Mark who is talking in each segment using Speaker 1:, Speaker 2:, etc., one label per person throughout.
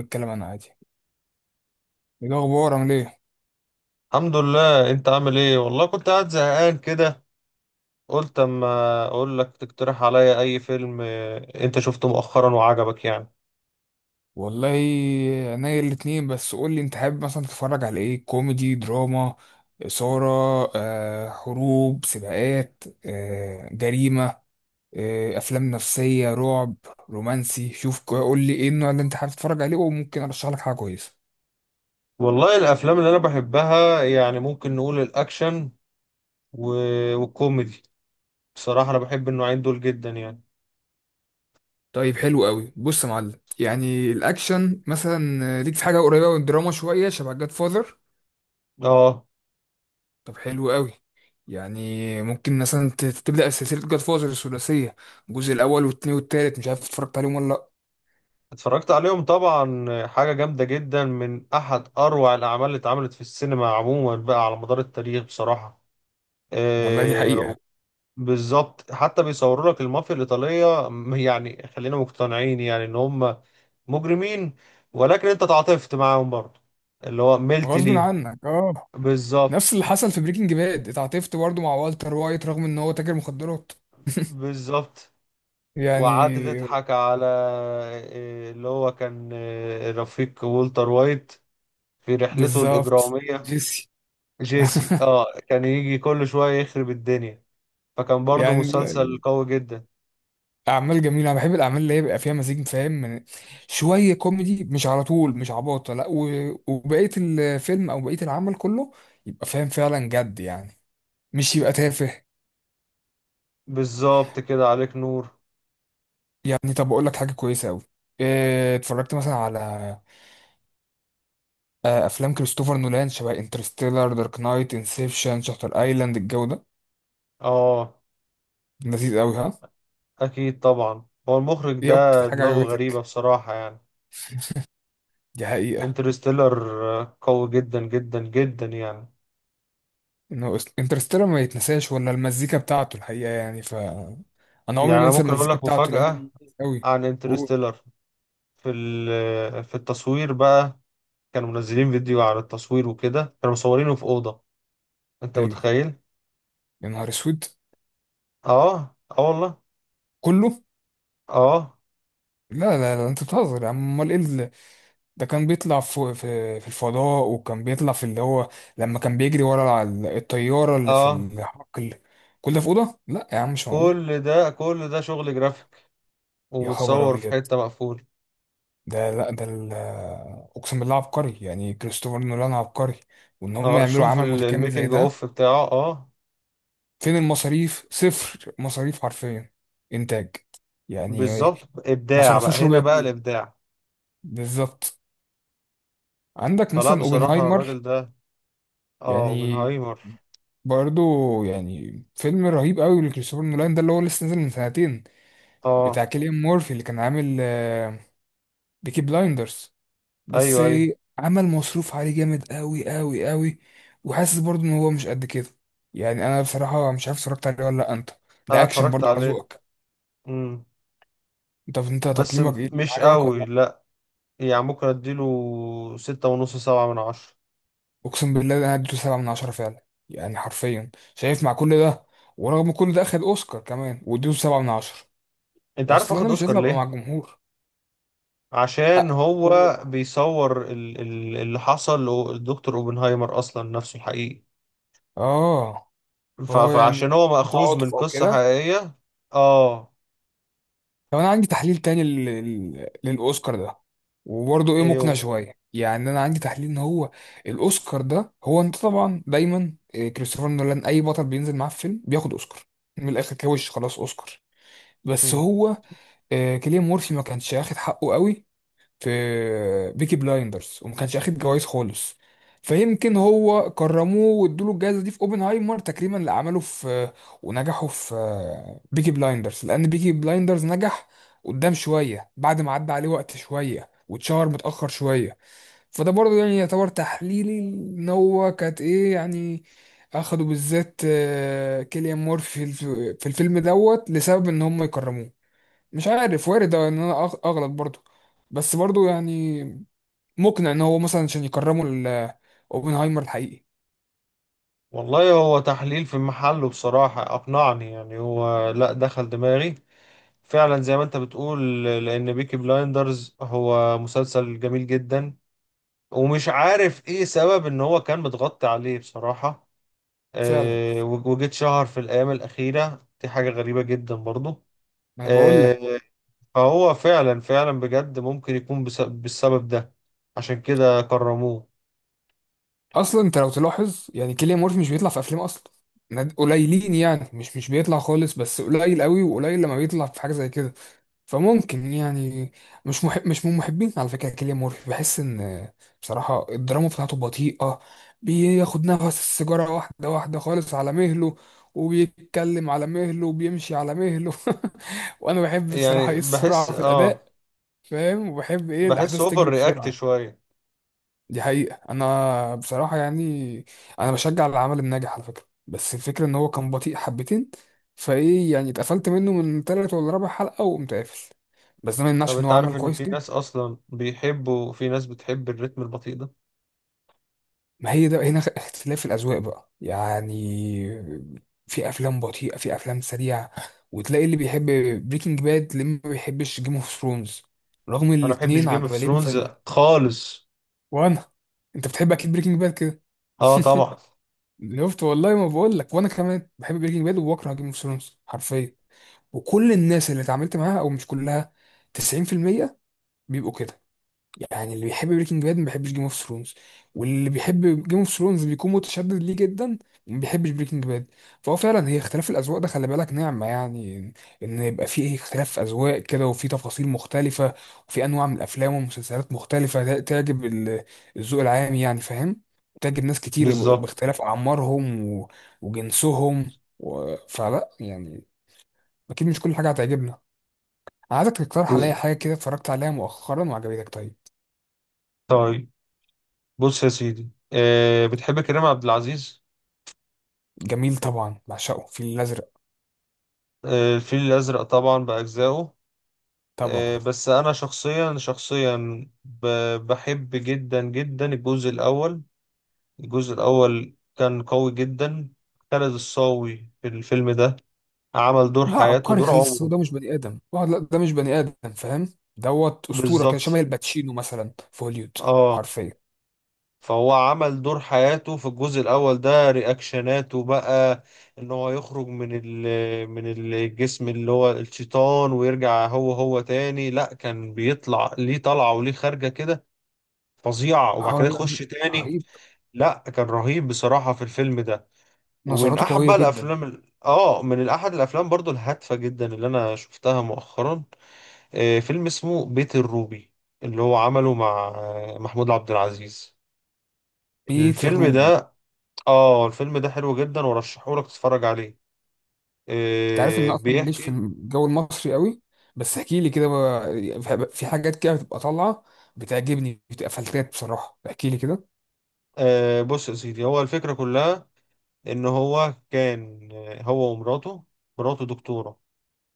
Speaker 1: نتكلم انا عادي. ايه الاخبار؟ عامل ايه؟
Speaker 2: الحمد لله. انت عامل ايه؟ والله كنت قاعد زهقان كده، قلت اما اقول لك تقترح عليا اي فيلم. اه، انت شفته مؤخرا وعجبك يعني.
Speaker 1: والله عينيا الاتنين، بس قول لي انت حابب مثلا تتفرج على ايه؟ كوميدي، دراما، اثاره، حروب، سباقات، جريمه، افلام نفسيه، رعب، رومانسي. شوف، قول لي ايه النوع اللي انت حابب تتفرج عليه، وممكن ارشح لك حاجه كويسه.
Speaker 2: والله الافلام اللي انا بحبها يعني ممكن نقول الاكشن و- والكوميدي. بصراحة انا بحب النوعين دول جدا يعني.
Speaker 1: طيب حلو قوي. بص يا معلم، يعني الاكشن مثلا، ليك في حاجه قريبه من الدراما شويه، شبه جاد فاذر.
Speaker 2: اه.
Speaker 1: طب حلو قوي. يعني ممكن مثلا تبدأ سلسلة جاد فوزر الثلاثية، الجزء الأول والتاني والتالت. مش عارف اتفرجت عليهم ولا لأ.
Speaker 2: اتفرجت عليهم طبعا. اه، حاجة جامدة جدا، من احد اروع الاعمال اللي اتعملت في السينما عموما بقى على مدار التاريخ بصراحة.
Speaker 1: والله دي
Speaker 2: اه،
Speaker 1: حقيقة.
Speaker 2: بالظبط، حتى بيصوروا لك المافيا الإيطالية، يعني خلينا مقتنعين يعني إن هم مجرمين، ولكن أنت تعاطفت معاهم برضه، اللي هو ملت
Speaker 1: غصب
Speaker 2: ليهم.
Speaker 1: عنك اه.
Speaker 2: بالظبط
Speaker 1: نفس اللي حصل في بريكنج باد، اتعاطفت برضه مع والتر وايت رغم ان هو تاجر مخدرات.
Speaker 2: بالظبط. وقعدت
Speaker 1: يعني
Speaker 2: تضحك على اللي هو كان، رفيق والتر وايت في رحلته
Speaker 1: بالظبط.
Speaker 2: الإجرامية.
Speaker 1: جيسي.
Speaker 2: جيسي، كان يجي كل شوية يخرب الدنيا. فكان برضه
Speaker 1: يعني
Speaker 2: مسلسل قوي جدا.
Speaker 1: اعمال جميله. انا بحب الاعمال اللي هي بيبقى فيها مزيج، فاهم؟ من شويه كوميدي، مش على طول مش عباطه لا، وبقيه الفيلم او بقيه العمل كله يبقى فاهم فعلا جد يعني، مش يبقى تافه.
Speaker 2: بالظبط، كده عليك نور.
Speaker 1: يعني طب اقول لك حاجه كويسه قوي. اتفرجت مثلا على افلام كريستوفر نولان؟ شبه انترستيلر، دارك نايت، انسبشن، شاتر ايلاند. الجو ده
Speaker 2: اه،
Speaker 1: لذيذ قوي، ها؟
Speaker 2: أكيد طبعا. هو المخرج
Speaker 1: ايه اكتر
Speaker 2: ده
Speaker 1: حاجه
Speaker 2: دماغه غريبة
Speaker 1: عجبتك؟
Speaker 2: بصراحة يعني.
Speaker 1: دي حقيقه.
Speaker 2: انترستيلر، قوي جدا جدا جدا يعني.
Speaker 1: انه انترستيلر ما يتنساش، ولا المزيكا بتاعته الحقيقه يعني، ف انا
Speaker 2: يعني
Speaker 1: عمري ما
Speaker 2: أنا
Speaker 1: انسى
Speaker 2: ممكن أقول
Speaker 1: المزيكا
Speaker 2: لك
Speaker 1: بتاعته لانه
Speaker 2: مفاجأة
Speaker 1: لذيذ قوي.
Speaker 2: عن
Speaker 1: اوه،
Speaker 2: انترستيلر. في ال- آه، في التصوير بقى، كانوا منزلين فيديو عن التصوير وكده، كانوا مصورينه في أوضة. أنت
Speaker 1: حلو.
Speaker 2: متخيل؟
Speaker 1: يا نهار اسود.
Speaker 2: آه، آه، والله.
Speaker 1: كله.
Speaker 2: آه.
Speaker 1: لا لا لا، انت بتهزر يا عم، امال ايه؟ ده كان بيطلع في الفضاء، وكان بيطلع في اللي هو، لما كان بيجري ورا الطيارة اللي في
Speaker 2: آه
Speaker 1: الحقل. كل ده في أوضة؟ لا يا عم مش معقول.
Speaker 2: كل ده، كل ده شغل جرافيك
Speaker 1: يا خبر
Speaker 2: ومتصور في
Speaker 1: أبيض.
Speaker 2: حتة مقفولة.
Speaker 1: ده لا ده ال- أقسم بالله عبقري، يعني كريستوفر نولان عبقري. وإن هم
Speaker 2: آه،
Speaker 1: يعملوا
Speaker 2: شوف
Speaker 1: عمل متكامل زي
Speaker 2: الميكنج
Speaker 1: ده.
Speaker 2: أوف بتاعه. آه.
Speaker 1: فين المصاريف؟ صفر مصاريف حرفيا، إنتاج يعني.
Speaker 2: بالظبط،
Speaker 1: ما
Speaker 2: إبداع بقى.
Speaker 1: صرفوش ربع
Speaker 2: هنا بقى
Speaker 1: جنيه.
Speaker 2: الإبداع.
Speaker 1: بالظبط. عندك
Speaker 2: فلا
Speaker 1: مثلا
Speaker 2: بصراحة
Speaker 1: اوبنهايمر،
Speaker 2: الراجل ده. اه،
Speaker 1: يعني
Speaker 2: اوبنهايمر.
Speaker 1: برضه، يعني فيلم رهيب قوي لكريستوفر نولان، ده اللي هو لسه نازل من سنتين، بتاع
Speaker 2: اه،
Speaker 1: كيليان مورفي اللي كان عامل بيكي بلايندرز بس.
Speaker 2: ايوه ايوه.
Speaker 1: عمل مصروف عليه جامد قوي قوي قوي، وحاسس برضه ان هو مش قد كده. يعني انا بصراحة مش عارف اتفرجت عليه ولا لا. انت ده
Speaker 2: انا
Speaker 1: اكشن
Speaker 2: اتفرجت
Speaker 1: برضه على
Speaker 2: عليه.
Speaker 1: ذوقك.
Speaker 2: امم
Speaker 1: انت
Speaker 2: بس
Speaker 1: تقييمك ايه؟
Speaker 2: مش
Speaker 1: عجبك ولا
Speaker 2: قوي،
Speaker 1: لا؟
Speaker 2: لا. يعني ممكن اديله 6.5، 7/10.
Speaker 1: اقسم بالله ده انا اديته 7/10 فعلا يعني حرفيا. شايف مع كل ده، ورغم كل ده اخد اوسكار كمان، واديته 7/10.
Speaker 2: انت عارف
Speaker 1: اصل انا
Speaker 2: واخد
Speaker 1: مش
Speaker 2: اوسكار
Speaker 1: لازم ابقى مع
Speaker 2: ليه؟
Speaker 1: الجمهور.
Speaker 2: عشان
Speaker 1: أ-
Speaker 2: هو بيصور اللي حصل للدكتور اوبنهايمر اصلا، نفسه الحقيقي.
Speaker 1: اه. فهو يعني
Speaker 2: فعشان هو مأخوذ من
Speaker 1: تعاطف او
Speaker 2: قصة
Speaker 1: كده.
Speaker 2: حقيقية. اه.
Speaker 1: طب انا عندي تحليل تاني للاوسكار ده، وبرضه ايه، مقنع
Speaker 2: ايوه.
Speaker 1: شويه يعني. انا عندي تحليل ان هو الاوسكار ده، هو انت طبعا دايما إيه، كريستوفر نولان اي بطل بينزل معاه في فيلم بياخد اوسكار، من الاخر كوش خلاص اوسكار. بس
Speaker 2: مم.
Speaker 1: هو كيليان مورفي ما كانش واخد حقه قوي في بيكي بلايندرز، وما كانش اخد جوائز خالص. فيمكن هو كرموه وادوله الجائزه دي في اوبنهايمر تكريما لعمله في ونجحه في بيكي بلايندرز، لان بيكي بلايندرز نجح قدام شويه، بعد ما عدى عليه وقت شويه واتشهر متاخر شويه. فده برضه يعني يعتبر تحليلي، ان هو كانت ايه يعني، اخدوا بالذات كيليان مورفي في في الفيلم دوت لسبب ان هم يكرموه. مش عارف، وارد ان انا اغلط برضو، بس برضو يعني مقنع، ان هو مثلا عشان يكرموا اوبنهايمر الحقيقي.
Speaker 2: والله هو تحليل في محله بصراحة، اقنعني يعني، هو لا دخل دماغي فعلا زي ما انت بتقول. لان بيكي بلايندرز هو مسلسل جميل جدا، ومش عارف ايه سبب ان هو كان متغطي عليه بصراحة.
Speaker 1: فعلا.
Speaker 2: وجيت شهر في الايام الاخيرة دي، حاجة غريبة جدا برضو.
Speaker 1: ما انا بقول لك.
Speaker 2: آه، فهو فعلا فعلا بجد ممكن يكون بالسبب ده. عشان كده كرموه.
Speaker 1: اصلا انت لو تلاحظ يعني كيليان مورفي مش بيطلع في افلام اصلا، قليلين يعني، مش بيطلع خالص بس، قليل قوي، وقليل لما بيطلع في حاجه زي كده. فممكن يعني، مش محب، مش من محبين على فكرة كيليان مورفي. بحس ان بصراحة الدراما بتاعته بطيئة، بياخد نفس السيجارة واحدة واحدة خالص على مهله، وبيتكلم على مهله، وبيمشي على مهله. وانا بحب
Speaker 2: يعني
Speaker 1: بصراحة ايه؟
Speaker 2: بحس
Speaker 1: السرعة في
Speaker 2: اه.
Speaker 1: الاداء، فاهم؟ وبحب ايه؟
Speaker 2: بحس
Speaker 1: الاحداث
Speaker 2: اوفر
Speaker 1: تجري
Speaker 2: رياكت
Speaker 1: بسرعة.
Speaker 2: شوية.
Speaker 1: دي حقيقة. انا بصراحة يعني انا بشجع العمل الناجح على فكرة، بس الفكرة ان هو كان بطيء حبتين، فايه يعني، اتقفلت منه من تالت ولا رابع حلقة وقمت قافل. بس ده ما
Speaker 2: طب
Speaker 1: يمنعش ان هو
Speaker 2: انت عارف
Speaker 1: عمل
Speaker 2: ان
Speaker 1: كويس
Speaker 2: في ناس
Speaker 1: جدا.
Speaker 2: اصلا بيحبوا، في ناس بتحب الريتم البطيء ده.
Speaker 1: ما هي ده هنا اختلاف الاذواق بقى يعني. في افلام بطيئه، في افلام سريعه، وتلاقي اللي بيحب بريكنج باد اللي ما بيحبش جيم اوف ثرونز، رغم ان
Speaker 2: انا ما بحبش
Speaker 1: الاتنين
Speaker 2: جيم اوف
Speaker 1: عمالين
Speaker 2: ثرونز
Speaker 1: فن.
Speaker 2: خالص.
Speaker 1: وانا انت بتحب اكيد بريكنج باد كده.
Speaker 2: اه، طبعا.
Speaker 1: شفت؟ والله ما بقول لك، وانا كمان بحب بريكنج باد وبكره جيم اوف ثرونز حرفيا. وكل الناس اللي اتعاملت معاها، او مش كلها، 90% بيبقوا كده. يعني اللي بيحب بريكنج باد ما بيحبش جيم اوف ثرونز، واللي بيحب جيم اوف ثرونز بيكون متشدد ليه جدا، وما بيحبش بريكنج باد. فهو فعلا هي اختلاف الاذواق ده، خلي بالك نعمه يعني، ان إن يبقى في اختلاف اذواق كده، وفي تفاصيل مختلفه، وفي انواع من الافلام والمسلسلات مختلفه، ده تعجب الذوق العام يعني، فاهم؟ تعجب ناس كتير
Speaker 2: بالظبط.
Speaker 1: باختلاف اعمارهم وجنسهم و... فلا يعني اكيد مش كل حاجه هتعجبنا. عايزك تقترح عليا
Speaker 2: بز-
Speaker 1: حاجه كده اتفرجت عليها مؤخرا وعجبتك. طيب
Speaker 2: طيب، بص يا سيدي، بتحب كريم عبد العزيز؟
Speaker 1: جميل طبعا، بعشقه الفيل الازرق.
Speaker 2: آه، الفيل الازرق طبعا باجزائه.
Speaker 1: طبعا.
Speaker 2: بس انا شخصيا، شخصيا، بحب جدا جدا الجزء الاول. الجزء الاول كان قوي جدا. خالد الصاوي في الفيلم ده عمل دور
Speaker 1: لا
Speaker 2: حياته،
Speaker 1: عبقري
Speaker 2: دور
Speaker 1: خالص،
Speaker 2: عمره.
Speaker 1: ده مش بني ادم، اه لا ده مش بني ادم، فاهم؟ دوت اسطوره، كان شبه
Speaker 2: بالظبط.
Speaker 1: الباتشينو مثلا في هوليوود.
Speaker 2: اه.
Speaker 1: حرفيا.
Speaker 2: فهو عمل دور حياته في الجزء الأول ده، رياكشناته بقى إن هو يخرج من من الجسم اللي هو الشيطان، ويرجع هو هو تاني. لأ، كان بيطلع ليه طلعة وليه خارجة كده فظيعة، وبعد
Speaker 1: اه
Speaker 2: كده يخش
Speaker 1: لا
Speaker 2: تاني.
Speaker 1: رهيب.
Speaker 2: لأ، كان رهيب بصراحة في الفيلم ده. ومن
Speaker 1: نظراته
Speaker 2: أحب
Speaker 1: قويه
Speaker 2: بقى
Speaker 1: جدا.
Speaker 2: الأفلام، من أحد الأفلام برضو الهادفة جدا اللي أنا شفتها مؤخرا، فيلم اسمه بيت الروبي، اللي هو عمله مع محمود عبد العزيز.
Speaker 1: بيت
Speaker 2: الفيلم
Speaker 1: الروبي.
Speaker 2: ده. اه الفيلم ده حلو جدا، ورشحهولك تتفرج عليه.
Speaker 1: انت عارف ان أنا اصلا ماليش في
Speaker 2: بيحكي.
Speaker 1: الجو المصري قوي، بس احكي لي كده في حاجات كده بتبقى طالعه، بتعجبني، بتبقى فلتات بصراحه، احكي لي كده.
Speaker 2: بص يا سيدي، هو الفكرة كلها ان هو كان، هو ومراته. مراته دكتورة،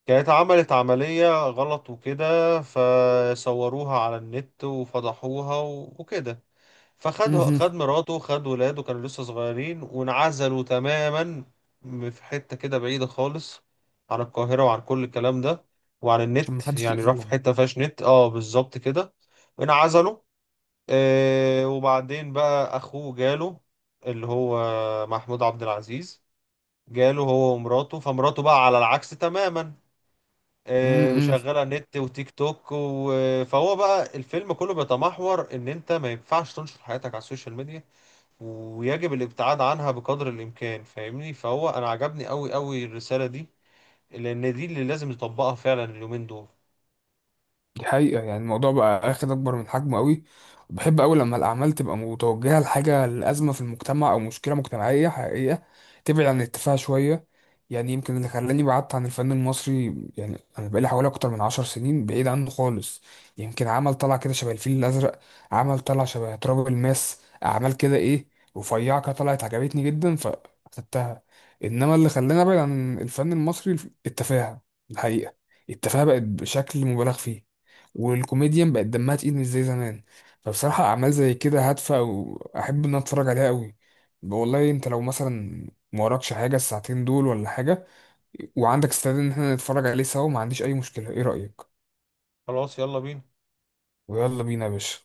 Speaker 2: كانت عملت عملية غلط وكده، فصوروها على النت وفضحوها و- وكده. فخد،
Speaker 1: مهم.
Speaker 2: خد مراته، خد ولاده كانوا لسه صغيرين، وانعزلوا تماما في حتة كده بعيدة خالص عن القاهرة، وعن كل الكلام ده، وعن
Speaker 1: عشان ما
Speaker 2: النت.
Speaker 1: حدش
Speaker 2: يعني راح في حتة فيهاش نت. اه بالظبط كده، انعزلوا. وبعدين بقى أخوه جاله، اللي هو محمود عبد العزيز، جاله هو ومراته، فمراته بقى على العكس تماما،
Speaker 1: يأذيهم.
Speaker 2: شغالة نت وتيك توك و... فهو بقى، الفيلم كله بيتمحور ان انت ما ينفعش تنشر حياتك على السوشيال ميديا، ويجب الابتعاد عنها بقدر الامكان، فاهمني؟ فهو انا عجبني قوي قوي الرسالة دي، لان دي اللي لازم نطبقها فعلا اليومين دول.
Speaker 1: دي حقيقة، يعني الموضوع بقى اخد اكبر من حجمه قوي. وبحب قوي لما الاعمال تبقى متوجهة لحاجة، لأزمة في المجتمع، او مشكلة مجتمعية حقيقية، تبعد عن التفاهة شوية. يعني يمكن اللي خلاني بعدت عن الفن المصري، يعني انا بقالي حوالي اكتر من 10 سنين بعيد عنه خالص، يمكن عمل طلع كده شبه الفيل الازرق، عمل طلع شبه تراب الماس، اعمال كده ايه، رفيعة كده، طلعت عجبتني جدا فاخدتها. انما اللي خلاني ابعد عن الفن المصري التفاهة الحقيقة، التفاهة بقت بشكل مبالغ فيه، والكوميديان بقت دمها تقيل مش زي زمان. فبصراحة أعمال زي كده هادفة، وأحب إن أنا أتفرج عليها قوي. والله أنت لو مثلا ما وراكش حاجة الساعتين دول ولا حاجة، وعندك استعداد إن احنا نتفرج عليه سوا، ما عنديش أي مشكلة. إيه رأيك؟
Speaker 2: خلاص، يلا بينا.
Speaker 1: ويلا بينا يا باشا.